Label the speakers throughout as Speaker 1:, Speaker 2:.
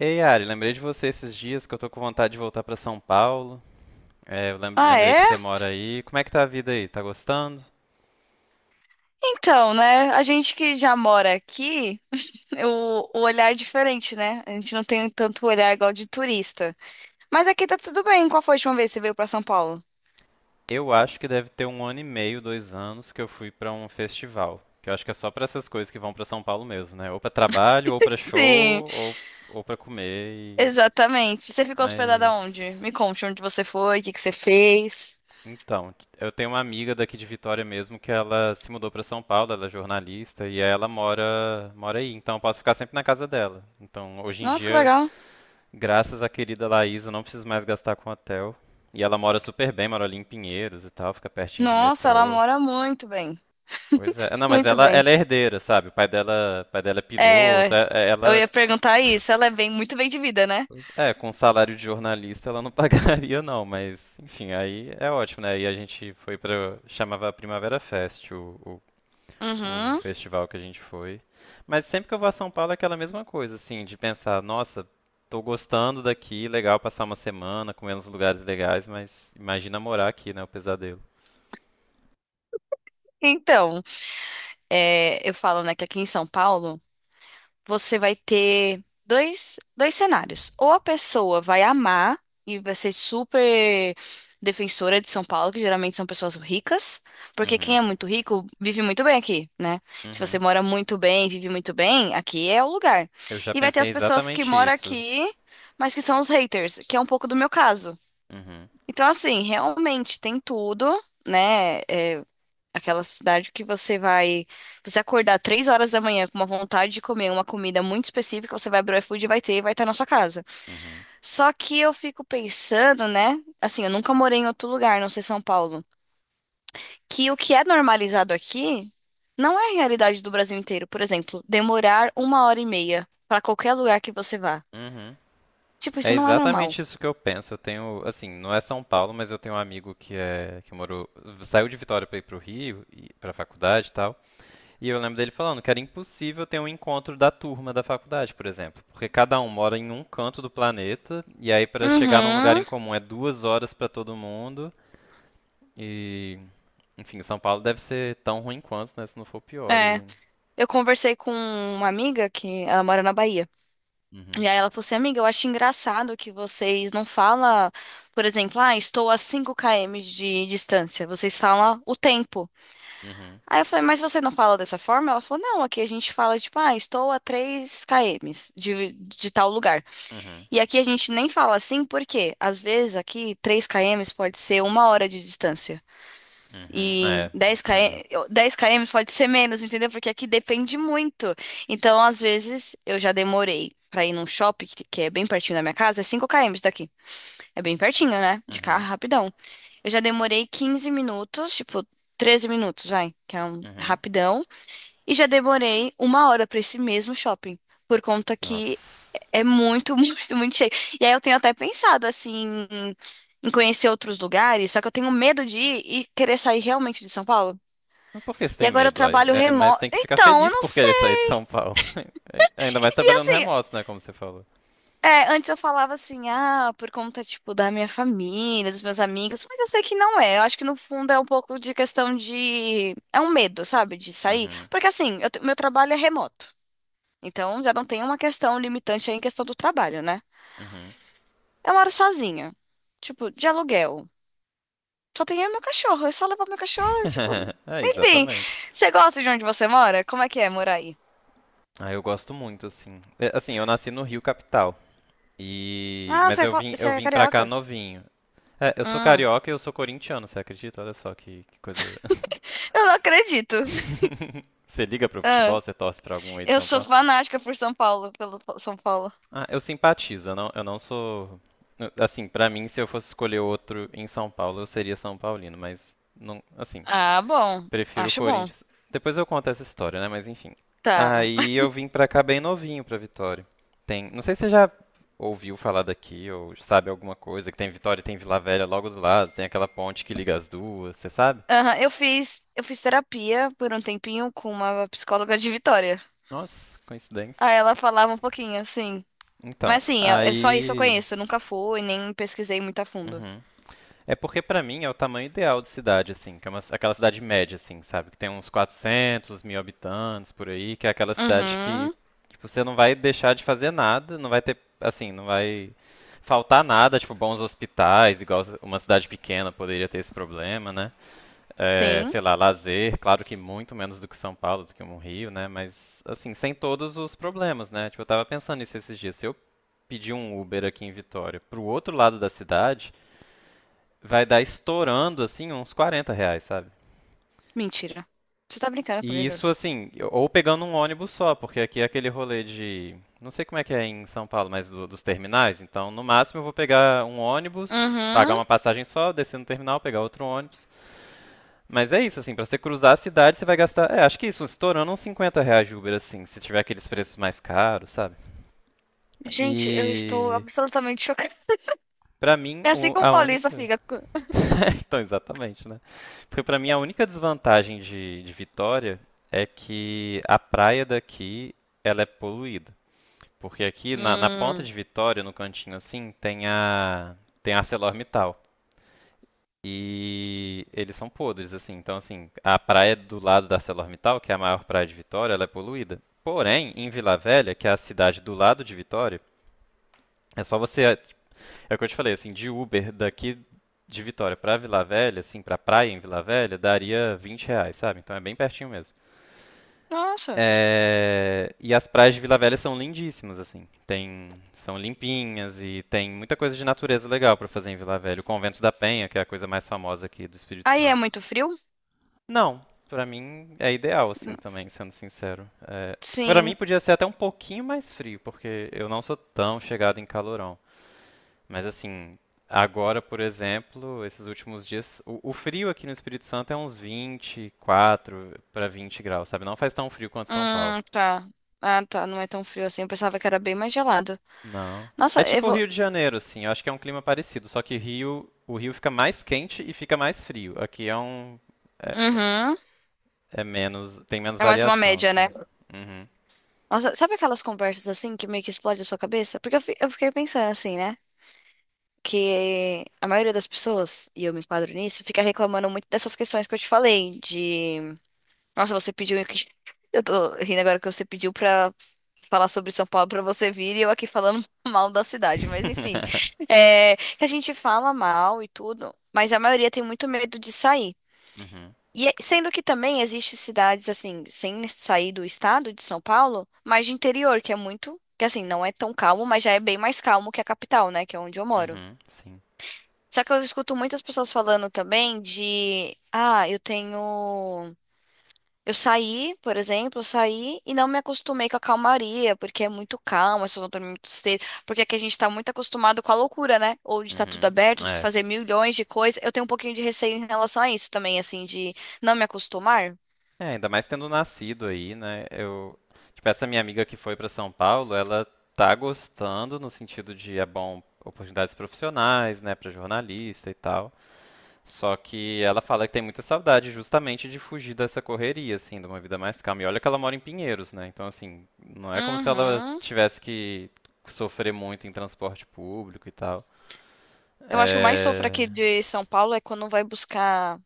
Speaker 1: Ei, Ari, lembrei de você esses dias que eu tô com vontade de voltar pra São Paulo. É, eu
Speaker 2: Ah,
Speaker 1: lembrei que
Speaker 2: é?
Speaker 1: você mora aí. Como é que tá a vida aí? Tá gostando?
Speaker 2: Então, né? A gente que já mora aqui, o olhar é diferente, né? A gente não tem tanto olhar igual de turista. Mas aqui tá tudo bem. Qual foi a última vez que você veio pra São Paulo?
Speaker 1: Eu acho que deve ter 1 ano e meio, 2 anos que eu fui pra um festival. Que eu acho que é só pra essas coisas que vão pra São Paulo mesmo, né? Ou pra trabalho, ou pra
Speaker 2: Sim,
Speaker 1: show, ou pra comer.
Speaker 2: exatamente. Você ficou hospedada onde?
Speaker 1: Mas.
Speaker 2: Me conte onde você foi, o que que você fez.
Speaker 1: Então, eu tenho uma amiga daqui de Vitória mesmo que ela se mudou pra São Paulo, ela é jornalista e aí ela mora aí, então eu posso ficar sempre na casa dela. Então, hoje em
Speaker 2: Nossa, que
Speaker 1: dia,
Speaker 2: legal.
Speaker 1: graças à querida Laís, eu não preciso mais gastar com hotel. E ela mora super bem, mora ali em Pinheiros e tal, fica pertinho de
Speaker 2: Nossa, ela
Speaker 1: metrô.
Speaker 2: mora muito bem.
Speaker 1: Pois é. Não, mas
Speaker 2: Muito
Speaker 1: ela,
Speaker 2: bem.
Speaker 1: ela é herdeira, sabe? O pai dela é piloto.
Speaker 2: É, eu ia perguntar isso. Ela é bem, muito bem de vida, né?
Speaker 1: É, com salário de jornalista ela não pagaria não, mas enfim, aí é ótimo, né? Aí a gente foi pra, chamava Primavera Fest, o
Speaker 2: Uhum.
Speaker 1: festival que a gente foi. Mas sempre que eu vou a São Paulo é aquela mesma coisa, assim, de pensar, nossa, tô gostando daqui, legal passar uma semana, comer nos lugares legais, mas imagina morar aqui, né, o pesadelo.
Speaker 2: Então, é, eu falo, né, que aqui em São Paulo, você vai ter dois cenários. Ou a pessoa vai amar e vai ser super defensora de São Paulo, que geralmente são pessoas ricas, porque quem
Speaker 1: Uhum,
Speaker 2: é muito rico vive muito bem aqui, né? Se você
Speaker 1: uhum.
Speaker 2: mora muito bem, vive muito bem, aqui é o lugar.
Speaker 1: Eu já
Speaker 2: E vai ter
Speaker 1: pensei
Speaker 2: as pessoas que
Speaker 1: exatamente
Speaker 2: moram
Speaker 1: isso.
Speaker 2: aqui, mas que são os haters, que é um pouco do meu caso.
Speaker 1: Uhum,
Speaker 2: Então, assim, realmente tem tudo. Né? É, aquela cidade que você vai, você acordar 3 horas da manhã com uma vontade de comer uma comida muito específica, você vai abrir o iFood e vai ter e vai estar na sua casa.
Speaker 1: uhum,
Speaker 2: Só que eu fico pensando, né? Assim, eu nunca morei em outro lugar, não sei São Paulo, que o que é normalizado aqui não é a realidade do Brasil inteiro. Por exemplo, demorar uma hora e meia para qualquer lugar que você vá.
Speaker 1: uhum.
Speaker 2: Tipo,
Speaker 1: É
Speaker 2: isso não é normal.
Speaker 1: exatamente isso que eu penso. Eu tenho, assim, não é São Paulo, mas eu tenho um amigo que é que morou, saiu de Vitória para ir pro Rio, pra faculdade e tal. E eu lembro dele falando que era impossível ter um encontro da turma da faculdade, por exemplo, porque cada um mora em um canto do planeta e aí para chegar num lugar
Speaker 2: Uhum.
Speaker 1: em comum é 2 horas para todo mundo e, enfim, São Paulo deve ser tão ruim quanto, né, se não for pior.
Speaker 2: É.
Speaker 1: E...
Speaker 2: Eu conversei com uma amiga que ela mora na Bahia.
Speaker 1: Uhum,
Speaker 2: E aí ela falou assim, amiga, eu acho engraçado que vocês não falam, por exemplo, ah, estou a 5 km de distância. Vocês falam o tempo.
Speaker 1: uhum,
Speaker 2: Aí eu falei, mas você não fala dessa forma? Ela falou, não, aqui a gente fala, tipo, ah, estou a 3 km de tal lugar.
Speaker 1: uhum,
Speaker 2: E aqui a gente nem fala assim, porque às vezes aqui 3 km pode ser uma hora de distância.
Speaker 1: uhum.
Speaker 2: E
Speaker 1: É,
Speaker 2: dez
Speaker 1: entendi.
Speaker 2: km, 10 km pode ser menos, entendeu? Porque aqui depende muito. Então, às vezes, eu já demorei pra ir num shopping que é bem pertinho da minha casa, é 5 km daqui. É bem pertinho, né? De carro,
Speaker 1: Uhum,
Speaker 2: rapidão. Eu já demorei 15 minutos, tipo, 13 minutos, vai, que é um
Speaker 1: uhum.
Speaker 2: rapidão. E já demorei uma hora pra esse mesmo shopping. Por conta
Speaker 1: Nossa.
Speaker 2: que é muito, muito, muito cheio. E aí eu tenho até pensado, assim, em conhecer outros lugares, só que eu tenho medo de ir e querer sair realmente de São Paulo.
Speaker 1: Mas por que você
Speaker 2: E
Speaker 1: tem
Speaker 2: agora eu
Speaker 1: medo? Ai?
Speaker 2: trabalho
Speaker 1: É, mas
Speaker 2: remoto.
Speaker 1: tem que ficar
Speaker 2: Então, eu
Speaker 1: feliz
Speaker 2: não
Speaker 1: por querer
Speaker 2: sei.
Speaker 1: sair de São Paulo. Ainda mais
Speaker 2: E
Speaker 1: trabalhando
Speaker 2: assim,
Speaker 1: remoto, né, como você falou.
Speaker 2: é, antes eu falava assim, ah, por conta, tipo, da minha família, dos meus amigos, mas eu sei que não é. Eu acho que no fundo é um pouco de questão de. É um medo, sabe? De sair.
Speaker 1: Uhum,
Speaker 2: Porque assim, meu trabalho é remoto. Então já não tem uma questão limitante aí em questão do trabalho, né?
Speaker 1: uhum.
Speaker 2: Eu moro sozinha. Tipo, de aluguel. Só tenho eu e meu cachorro. Eu só levo meu cachorro, e, tipo.
Speaker 1: É,
Speaker 2: Enfim.
Speaker 1: exatamente.
Speaker 2: Você gosta de onde você mora? Como é que é morar aí?
Speaker 1: Ah, eu gosto muito, assim. É, assim, eu nasci no Rio Capital. E
Speaker 2: Ah,
Speaker 1: mas
Speaker 2: você é
Speaker 1: eu
Speaker 2: fo-
Speaker 1: vim,
Speaker 2: você
Speaker 1: eu
Speaker 2: é
Speaker 1: vim pra cá
Speaker 2: carioca?
Speaker 1: novinho. É, eu sou
Speaker 2: Hum.
Speaker 1: carioca e eu sou corintiano, você acredita? Olha só que coisa.
Speaker 2: Eu não acredito.
Speaker 1: Você liga pro
Speaker 2: Ah,
Speaker 1: futebol, você torce pra algum aí de
Speaker 2: eu
Speaker 1: São
Speaker 2: sou
Speaker 1: Paulo?
Speaker 2: fanática por São Paulo, pelo São Paulo.
Speaker 1: Ah, eu simpatizo, eu não sou. Assim, pra mim, se eu fosse escolher outro em São Paulo, eu seria São Paulino, mas não, assim,
Speaker 2: Ah, bom.
Speaker 1: prefiro o
Speaker 2: Acho bom.
Speaker 1: Corinthians. Depois eu conto essa história, né? Mas enfim.
Speaker 2: Tá.
Speaker 1: Aí eu vim pra cá bem novinho, pra Vitória. Tem, não sei se você já ouviu falar daqui ou sabe alguma coisa, que tem Vitória e tem Vila Velha logo do lado, tem aquela ponte que liga as duas, você sabe?
Speaker 2: Aham, eu fiz terapia por um tempinho com uma psicóloga de Vitória.
Speaker 1: Nossa,
Speaker 2: Aí
Speaker 1: coincidência.
Speaker 2: ela falava um pouquinho, sim.
Speaker 1: Então,
Speaker 2: Mas sim, é só isso que eu
Speaker 1: aí.
Speaker 2: conheço. Eu nunca fui, nem pesquisei muito a fundo.
Speaker 1: Uhum. É porque pra mim é o tamanho ideal de cidade, assim, que é uma, aquela cidade média, assim, sabe? Que tem uns 400 mil habitantes por aí, que é aquela cidade que
Speaker 2: Uhum.
Speaker 1: tipo, você não vai deixar de fazer nada, não vai ter, assim, não vai faltar nada, tipo, bons hospitais, igual uma cidade pequena poderia ter esse problema, né? É,
Speaker 2: Sim.
Speaker 1: sei lá, lazer, claro que muito menos do que São Paulo, do que um Rio, né? Mas, assim, sem todos os problemas, né? Tipo, eu tava pensando nisso esses dias. Se eu pedir um Uber aqui em Vitória pro outro lado da cidade, vai dar estourando, assim, uns R$ 40, sabe?
Speaker 2: Mentira. Você tá brincando
Speaker 1: E
Speaker 2: comigo?
Speaker 1: isso, assim, ou pegando um ônibus só, porque aqui é aquele rolê de. Não sei como é que é em São Paulo, mas dos terminais. Então, no máximo, eu vou pegar um ônibus, pagar
Speaker 2: Uhum.
Speaker 1: uma passagem só, descer no terminal, pegar outro ônibus. Mas é isso, assim, pra você cruzar a cidade, você vai gastar. É, acho que isso, estourando uns R$ 50 de Uber, assim, se tiver aqueles preços mais caros, sabe?
Speaker 2: Gente, eu estou
Speaker 1: E.
Speaker 2: absolutamente chocada.
Speaker 1: Pra mim,
Speaker 2: É assim como o
Speaker 1: a
Speaker 2: paulista
Speaker 1: única.
Speaker 2: fica.
Speaker 1: Então, exatamente, né? Porque pra mim a única desvantagem de Vitória é que a praia daqui ela é poluída. Porque aqui na ponta
Speaker 2: Hum.
Speaker 1: de Vitória, no cantinho assim, tem a tem a ArcelorMittal. E eles são podres, assim. Então, assim, a praia do lado da ArcelorMittal, que é a maior praia de Vitória, ela é poluída. Porém, em Vila Velha, que é a cidade do lado de Vitória, é só você é o que eu te falei, assim, de Uber daqui de Vitória pra Vila Velha, assim, pra praia em Vila Velha, daria R$ 20, sabe? Então é bem pertinho mesmo.
Speaker 2: Nossa.
Speaker 1: É, e as praias de Vila Velha são lindíssimas, assim. Tem... São limpinhas e tem muita coisa de natureza legal pra fazer em Vila Velha. O Convento da Penha, que é a coisa mais famosa aqui do Espírito
Speaker 2: Aí é
Speaker 1: Santo.
Speaker 2: muito frio?
Speaker 1: Não, pra mim é ideal, assim, também, sendo sincero. É... Pra mim
Speaker 2: Sim.
Speaker 1: podia ser até um pouquinho mais frio, porque eu não sou tão chegado em calorão. Mas assim, agora, por exemplo, esses últimos dias, o frio aqui no Espírito Santo é uns 24 para 20 graus, sabe? Não faz tão frio quanto São Paulo.
Speaker 2: Tá. Ah, tá. Não é tão frio assim. Eu pensava que era bem mais gelado.
Speaker 1: Não. É
Speaker 2: Nossa, eu
Speaker 1: tipo o
Speaker 2: vou.
Speaker 1: Rio de Janeiro, assim. Eu acho que é um clima parecido, só que Rio, o Rio fica mais quente e fica mais frio. Aqui é um, é,
Speaker 2: Uhum.
Speaker 1: é menos, tem menos
Speaker 2: É mais uma
Speaker 1: variação,
Speaker 2: média, né?
Speaker 1: assim. Uhum.
Speaker 2: Nossa, sabe aquelas conversas assim que meio que explode a sua cabeça? Porque eu fiquei pensando assim, né? Que a maioria das pessoas, e eu me enquadro nisso, fica reclamando muito dessas questões que eu te falei. De. Nossa, você pediu. Eu tô rindo agora que você pediu pra falar sobre São Paulo pra você vir e eu aqui falando mal da cidade, mas enfim. É, que a gente fala mal e tudo, mas a maioria tem muito medo de sair.
Speaker 1: Uhum.
Speaker 2: E sendo que também existem cidades assim, sem sair do estado de São Paulo, mas de interior, que é muito, que assim, não é tão calmo, mas já é bem mais calmo que a capital, né, que é onde eu moro.
Speaker 1: Uhum. Sim.
Speaker 2: Só que eu escuto muitas pessoas falando também de, ah, eu saí, por exemplo, eu saí e não me acostumei com a calmaria, porque é muito calma, se eu não dormir muito cedo, porque aqui a gente tá muito acostumado com a loucura, né? Ou de estar tudo
Speaker 1: Uhum.
Speaker 2: aberto, de
Speaker 1: É.
Speaker 2: fazer milhões de coisas. Eu tenho um pouquinho de receio em relação a isso também, assim, de não me acostumar.
Speaker 1: É, ainda mais tendo nascido aí, né? Eu, tipo, essa minha amiga que foi para São Paulo, ela tá gostando no sentido de é bom oportunidades profissionais, né, para jornalista e tal. Só que ela fala que tem muita saudade justamente de fugir dessa correria, assim, de uma vida mais calma. E olha que ela mora em Pinheiros, né? Então, assim, não é como se ela
Speaker 2: Uhum.
Speaker 1: tivesse que sofrer muito em transporte público e tal.
Speaker 2: Eu acho que o mais sofro
Speaker 1: É...
Speaker 2: aqui de São Paulo é quando vai buscar.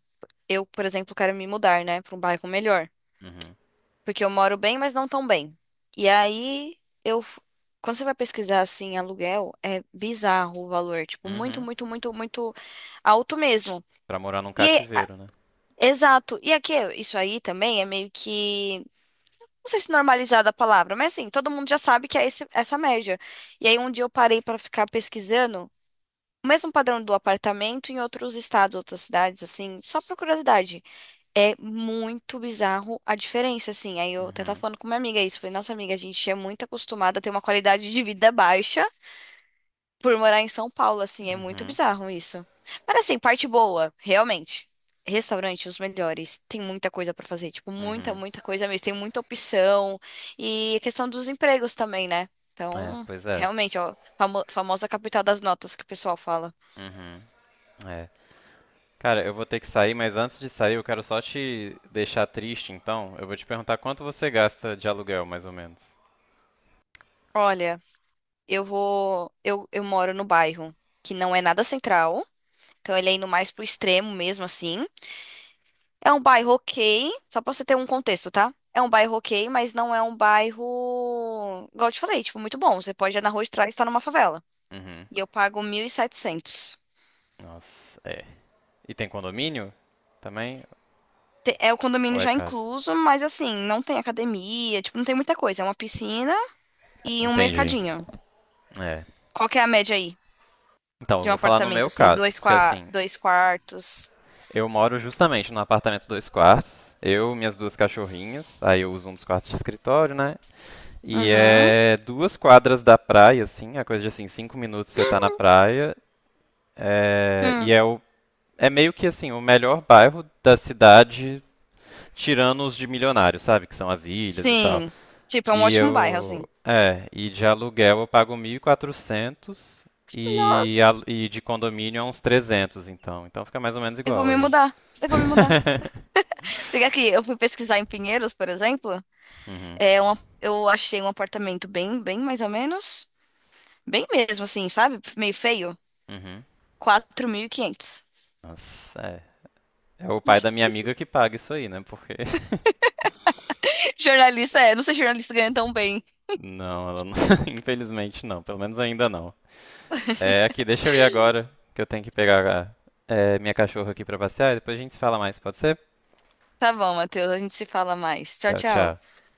Speaker 2: Eu, por exemplo, quero me mudar, né, para um bairro melhor.
Speaker 1: Uhum.
Speaker 2: Porque eu moro bem, mas não tão bem. E aí, eu. f- quando você vai pesquisar assim, aluguel, é bizarro o valor. Tipo, muito,
Speaker 1: Uhum.
Speaker 2: muito, muito, muito alto mesmo.
Speaker 1: Pra morar num
Speaker 2: E
Speaker 1: cativeiro, né?
Speaker 2: exato. E aqui, isso aí também é meio que. Não sei se normalizada a palavra, mas assim, todo mundo já sabe que é essa média. E aí, um dia eu parei para ficar pesquisando o mesmo padrão do apartamento em outros estados, outras cidades, assim, só por curiosidade. É muito bizarro a diferença, assim. Aí eu até tava
Speaker 1: Uhum.
Speaker 2: falando com minha amiga isso. Falei, nossa amiga, a gente é muito acostumada a ter uma qualidade de vida baixa por morar em São Paulo, assim. É muito
Speaker 1: Uhum.
Speaker 2: bizarro isso. Mas assim, parte boa, realmente. Restaurante, os melhores. Tem muita coisa pra fazer, tipo, muita,
Speaker 1: Uhum.
Speaker 2: muita coisa mesmo. Tem muita opção. E a questão dos empregos também, né?
Speaker 1: É,
Speaker 2: Então,
Speaker 1: pois é.
Speaker 2: realmente, ó, famosa capital das notas que o pessoal fala.
Speaker 1: Uhum. É. Cara, eu vou ter que sair, mas antes de sair, eu quero só te deixar triste, então. Eu vou te perguntar quanto você gasta de aluguel, mais ou menos.
Speaker 2: Olha, eu vou. Eu moro no bairro que não é nada central. Então ele é indo mais pro extremo mesmo, assim. É um bairro ok, só pra você ter um contexto, tá? É um bairro ok, mas não é um bairro, igual eu te falei, tipo, muito bom. Você pode ir na rua de trás e estar numa favela.
Speaker 1: Uhum.
Speaker 2: E eu pago 1.700.
Speaker 1: Nossa, é. E tem condomínio também?
Speaker 2: É o condomínio
Speaker 1: Ou é
Speaker 2: já é
Speaker 1: casa?
Speaker 2: incluso, mas assim, não tem academia, tipo, não tem muita coisa. É uma piscina e um
Speaker 1: Entendi.
Speaker 2: mercadinho.
Speaker 1: É.
Speaker 2: Qual que é a média aí
Speaker 1: Então, eu
Speaker 2: de um
Speaker 1: vou falar no
Speaker 2: apartamento,
Speaker 1: meu
Speaker 2: assim,
Speaker 1: caso,
Speaker 2: dois,
Speaker 1: porque
Speaker 2: qua
Speaker 1: assim,
Speaker 2: dois quartos?
Speaker 1: eu moro justamente num apartamento dois quartos, eu, minhas duas cachorrinhas, aí eu uso um dos quartos de escritório, né? E
Speaker 2: Uhum.
Speaker 1: é duas quadras da praia, assim, é coisa de assim, 5 minutos você tá na praia. É,
Speaker 2: Hum.
Speaker 1: e é, o, é meio que assim, o melhor bairro da cidade, tirando os de milionários, sabe? Que são as ilhas e tal.
Speaker 2: Sim. Tipo, é um
Speaker 1: E
Speaker 2: ótimo bairro,
Speaker 1: eu.
Speaker 2: assim.
Speaker 1: É, e de aluguel eu pago 1.400
Speaker 2: Nossa,
Speaker 1: e de condomínio é uns 300, então. Então fica mais ou menos
Speaker 2: eu vou
Speaker 1: igual
Speaker 2: me
Speaker 1: aí.
Speaker 2: mudar. Eu vou me mudar. Porque aqui, eu fui pesquisar em Pinheiros, por exemplo,
Speaker 1: Uhum,
Speaker 2: eu achei um apartamento bem, bem mais ou menos, bem mesmo assim, sabe? Meio feio,
Speaker 1: uhum.
Speaker 2: 4.500.
Speaker 1: Nossa, é. É o pai da minha amiga que paga isso aí, né? Porque.
Speaker 2: Jornalista é, não sei se jornalista ganha tão bem.
Speaker 1: Não, ela não... infelizmente não, pelo menos ainda não. É, aqui, deixa eu ir agora, que eu tenho que pegar minha cachorra aqui pra passear e depois a gente se fala mais, pode ser?
Speaker 2: Tá bom, Matheus, a gente se fala mais. Tchau,
Speaker 1: Tchau, tchau.
Speaker 2: tchau.